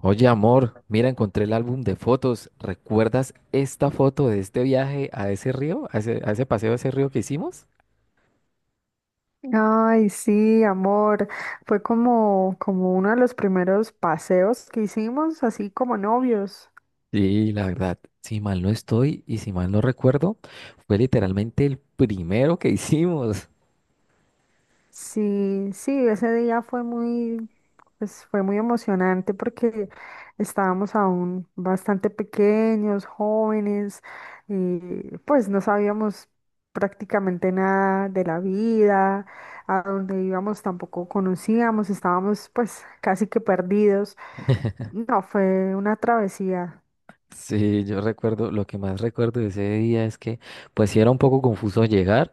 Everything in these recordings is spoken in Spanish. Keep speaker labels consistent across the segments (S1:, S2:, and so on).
S1: Oye, amor, mira, encontré el álbum de fotos. ¿Recuerdas esta foto de este viaje a ese río, a ese paseo a ese río que hicimos?
S2: Ay, sí, amor. Fue como uno de los primeros paseos que hicimos, así como novios.
S1: Sí, la verdad, si mal no estoy y si mal no recuerdo, fue literalmente el primero que hicimos.
S2: Sí, sí, ese día pues fue muy emocionante porque estábamos aún bastante pequeños, jóvenes, y pues no sabíamos prácticamente nada de la vida. A dónde íbamos tampoco conocíamos, estábamos pues casi que perdidos. No, fue una travesía.
S1: Sí, yo recuerdo, lo que más recuerdo de ese día es que pues sí era un poco confuso llegar,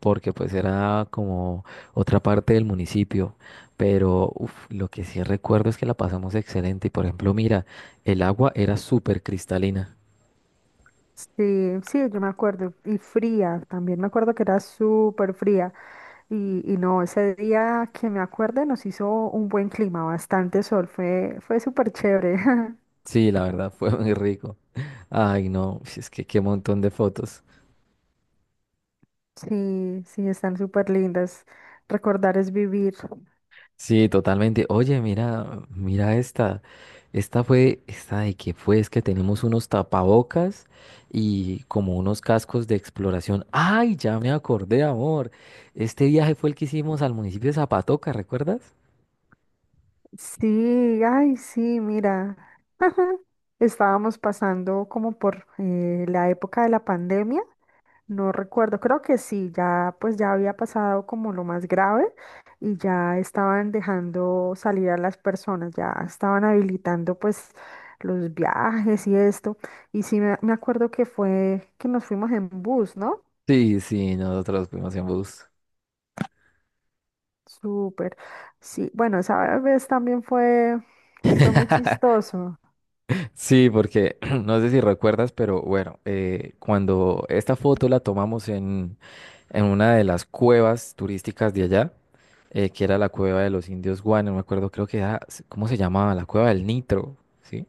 S1: porque pues era como otra parte del municipio, pero uf, lo que sí recuerdo es que la pasamos excelente y por ejemplo, mira, el agua era súper cristalina.
S2: Sí, sí, yo me acuerdo. Y fría, también me acuerdo que era súper fría. Y no, ese día que me acuerde nos hizo un buen clima, bastante sol, fue súper chévere.
S1: Sí, la verdad fue muy rico. Ay, no, si es que qué montón de fotos.
S2: Sí, sí, están súper lindas. Recordar es vivir.
S1: Sí, totalmente. Oye, mira, mira esta. Esta fue, esta de que fue, es que tenemos unos tapabocas y como unos cascos de exploración. ¡Ay, ya me acordé, amor! Este viaje fue el que hicimos al municipio de Zapatoca, ¿recuerdas?
S2: Sí, ay, sí, mira, estábamos pasando como por la época de la pandemia. No recuerdo, creo que sí, pues ya había pasado como lo más grave y ya estaban dejando salir a las personas, ya estaban habilitando pues los viajes y esto. Y sí me acuerdo que fue que nos fuimos en bus, ¿no?
S1: Sí, sí, nosotros fuimos en bus.
S2: Súper. Sí, bueno, esa vez también fue fue muy chistoso.
S1: Sí, porque no sé si recuerdas, pero bueno, cuando esta foto la tomamos en una de las cuevas turísticas de allá, que era la cueva de los indios guane, no me acuerdo, creo que era, ¿cómo se llamaba? La cueva del Nitro, ¿sí?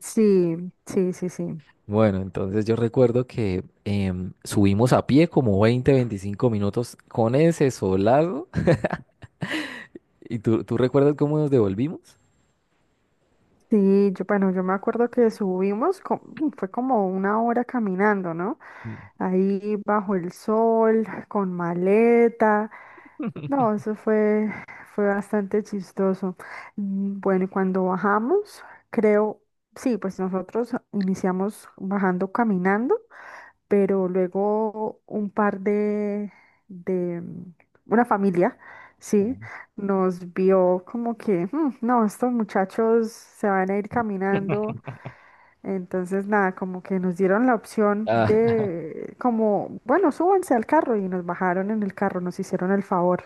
S2: Sí, sí, sí, sí.
S1: Bueno, entonces yo recuerdo que subimos a pie como 20, 25 minutos con ese solado. ¿Y tú recuerdas cómo nos devolvimos?
S2: Sí, yo, bueno, yo me acuerdo que fue como una hora caminando, ¿no?
S1: Mm,
S2: Ahí bajo el sol, con maleta. No, fue bastante chistoso. Bueno, y cuando bajamos, creo, sí, pues nosotros iniciamos bajando caminando, pero luego un par de mm, una familia, sí,
S1: claro.
S2: nos vio como que, "Mm, no, estos muchachos se van a ir caminando". Entonces, nada, como que nos dieron la opción
S1: Ah,
S2: de, como, bueno, súbanse al carro y nos bajaron en el carro, nos hicieron el favor.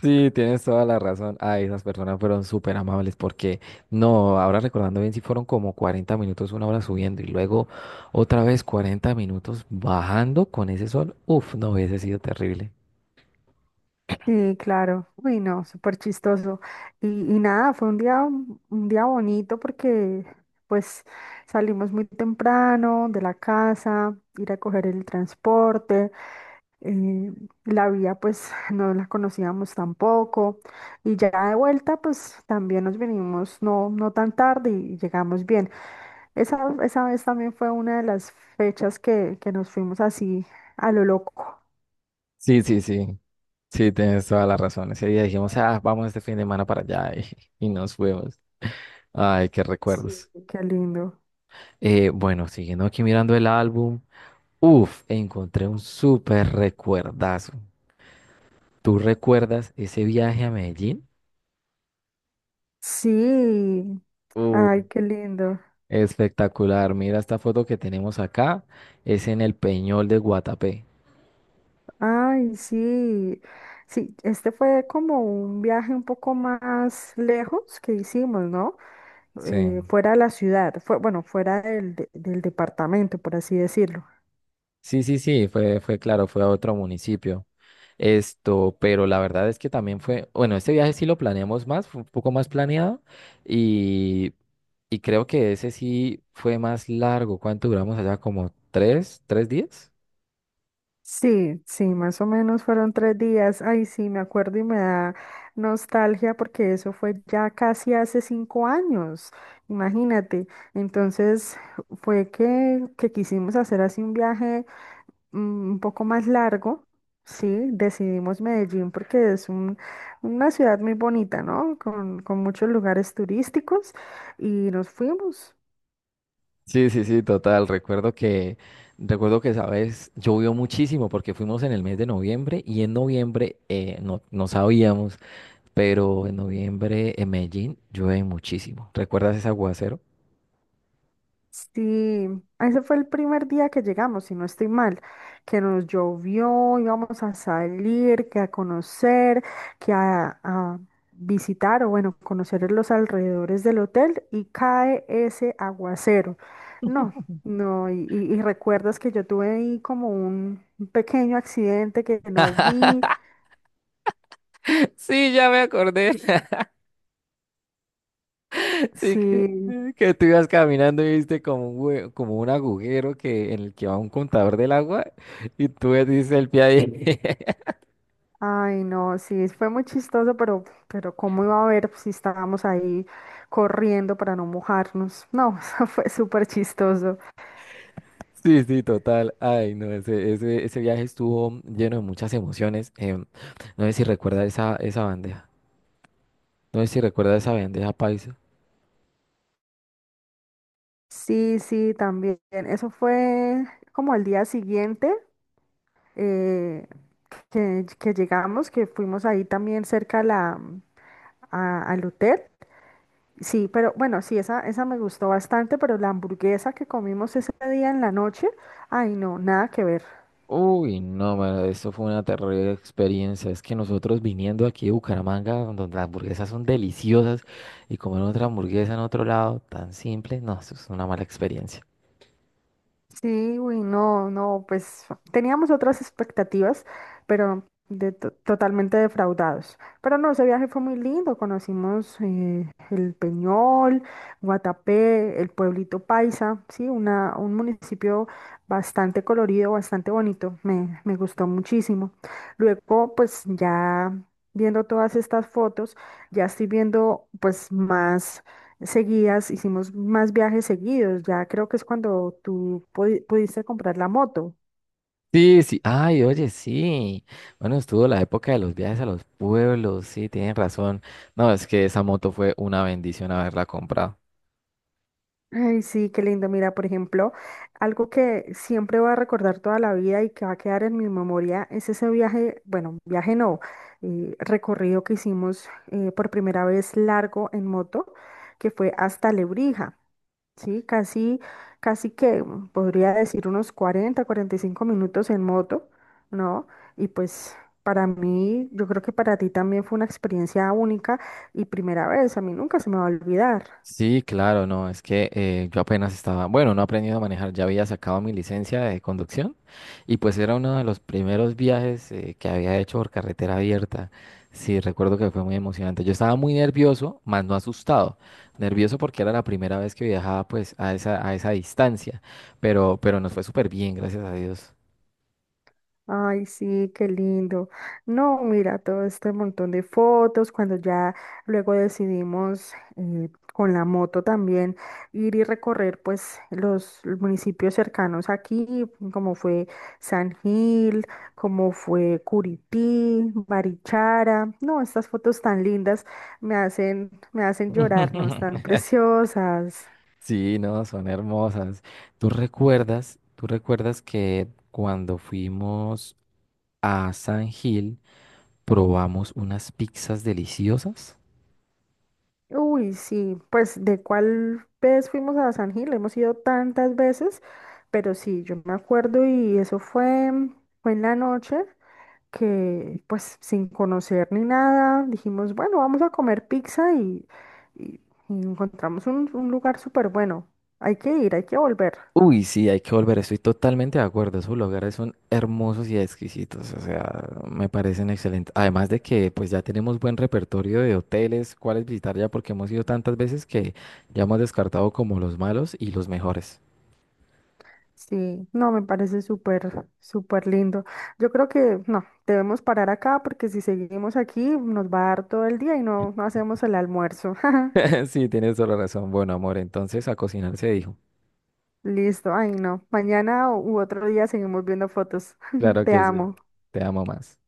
S1: sí, tienes toda la razón. Ay, esas personas fueron súper amables porque, no, ahora recordando bien, si fueron como 40 minutos, 1 hora subiendo y luego otra vez 40 minutos bajando con ese sol. Uf, no hubiese sido terrible.
S2: Sí, claro. Uy, no, súper chistoso. Y nada, fue un día bonito porque pues salimos muy temprano de la casa, ir a coger el transporte. eh, la vía pues no la conocíamos tampoco. Y ya de vuelta pues también nos venimos no tan tarde y llegamos bien. Esa, Esa vez también fue una de las fechas que nos fuimos así a lo loco.
S1: Sí, sí, sí. Sí, tienes toda la razón. Ese día dijimos, ah, vamos este fin de semana para allá y nos fuimos. Ay, qué
S2: Sí.
S1: recuerdos.
S2: Qué lindo.
S1: Bueno, siguiendo aquí mirando el álbum, uf, encontré un súper recuerdazo. ¿Tú recuerdas ese viaje a Medellín?
S2: Sí, ay, qué lindo.
S1: Espectacular. Mira esta foto que tenemos acá. Es en el Peñol de Guatapé.
S2: Ay, sí. Sí, este fue como un viaje un poco más lejos que hicimos, ¿no?
S1: Sí.
S2: Fuera de la ciudad, fue, bueno, fuera del departamento, por así decirlo.
S1: Sí, sí, sí, fue claro, fue a otro municipio. Esto, pero la verdad es que también fue, bueno, este viaje sí lo planeamos más, fue un poco más planeado y, y creo que ese sí fue más largo. ¿Cuánto duramos allá? ¿Como tres días?
S2: Sí, sí, más o menos fueron tres días. Ay, sí, me acuerdo y me da nostalgia porque eso fue ya casi hace cinco años, imagínate. Entonces fue que quisimos hacer así un viaje un poco más largo. Sí, decidimos Medellín porque es una ciudad muy bonita, ¿no? Con muchos lugares turísticos y nos fuimos.
S1: Sí, sí, sí, total. Recuerdo que esa vez llovió muchísimo porque fuimos en el mes de noviembre y en noviembre no sabíamos pero en noviembre en Medellín llueve muchísimo. ¿Recuerdas ese aguacero?
S2: Sí, ese fue el primer día que llegamos, si no estoy mal, que nos llovió. Íbamos a salir, que a conocer, a visitar o bueno, conocer los alrededores del hotel y cae ese aguacero. No, no, y recuerdas que yo tuve ahí como un pequeño accidente que no vi,
S1: Sí, ya me acordé. Sí, que,
S2: sí.
S1: que tú ibas caminando y viste como como un agujero que, en el que va un contador del agua y tú ves el pie ahí.
S2: Ay, no, sí, fue muy chistoso, pero ¿cómo iba a ver si estábamos ahí corriendo para no mojarnos? No, eso fue súper chistoso.
S1: Sí, sí, total. Ay, no, ese viaje estuvo lleno de muchas emociones. No sé si recuerdas esa bandeja. No sé si recuerdas esa bandeja paisa.
S2: Sí, sí, también. Eso fue como al día siguiente eh, que llegamos, que fuimos ahí también cerca a al hotel. Sí, pero bueno, sí, esa me gustó bastante, pero la hamburguesa que comimos ese día en la noche, ay, no, nada que ver.
S1: Uy, no, mano, eso fue una terrible experiencia. Es que nosotros viniendo aquí de Bucaramanga, donde las hamburguesas son deliciosas, y comer otra hamburguesa en otro lado tan simple, no, eso es una mala experiencia.
S2: Sí, güey, no, no, pues teníamos otras expectativas, pero totalmente defraudados. Pero no, ese viaje fue muy lindo. Conocimos el Peñol, Guatapé, el pueblito Paisa, sí, un municipio bastante colorido, bastante bonito. Me gustó muchísimo. Luego, pues ya viendo todas estas fotos, ya estoy viendo pues más seguidas, hicimos más viajes seguidos. Ya creo que es cuando pudiste comprar la moto.
S1: Sí, sí, ay, oye, sí. Bueno, estuvo la época de los viajes a los pueblos, sí, tienen razón. No, es que esa moto fue una bendición haberla comprado.
S2: Ay, sí, qué lindo. Mira, por ejemplo, algo que siempre voy a recordar toda la vida y que va a quedar en mi memoria es ese viaje, bueno, viaje no, recorrido que hicimos por primera vez largo en moto, que fue hasta Lebrija. Sí, casi que podría decir unos 40, 45 minutos en moto, ¿no? Y pues para mí, yo creo que para ti también fue una experiencia única y primera vez, a mí nunca se me va a olvidar.
S1: Sí, claro, no, es que yo apenas estaba, bueno, no he aprendido a manejar, ya había sacado mi licencia de conducción y pues era uno de los primeros viajes que había hecho por carretera abierta. Sí, recuerdo que fue muy emocionante. Yo estaba muy nervioso, más no asustado. Nervioso porque era la primera vez que viajaba pues a esa distancia, pero nos fue súper bien, gracias a Dios.
S2: Ay, sí, qué lindo. No, mira, todo este montón de fotos, cuando ya luego decidimos con la moto también ir y recorrer pues los municipios cercanos aquí, como fue San Gil, como fue Curití, Barichara. No, estas fotos tan lindas me hacen llorar, ¿no? Están preciosas.
S1: Sí, no, son hermosas. ¿Tú recuerdas que cuando fuimos a San Gil, probamos unas pizzas deliciosas.
S2: Uy, sí, pues de cuál vez fuimos a San Gil, hemos ido tantas veces, pero sí, yo me acuerdo y fue en la noche que pues sin conocer ni nada, dijimos, bueno, vamos a comer pizza y- y encontramos un lugar súper bueno, hay que ir, hay que volver.
S1: Uy, sí, hay que volver, estoy totalmente de acuerdo. Esos lugares son hermosos y exquisitos, o sea, me parecen excelentes. Además de que pues ya tenemos buen repertorio de hoteles, cuáles visitar ya, porque hemos ido tantas veces que ya hemos descartado como los malos y los mejores.
S2: Sí, no, me parece súper lindo. Yo creo que no, debemos parar acá porque si seguimos aquí nos va a dar todo el día y no, no hacemos el almuerzo.
S1: Sí, tienes toda la razón. Bueno, amor, entonces a cocinar se dijo.
S2: Listo, ay no. Mañana u otro día seguimos viendo fotos.
S1: Claro
S2: Te
S1: que sí,
S2: amo.
S1: te amo más.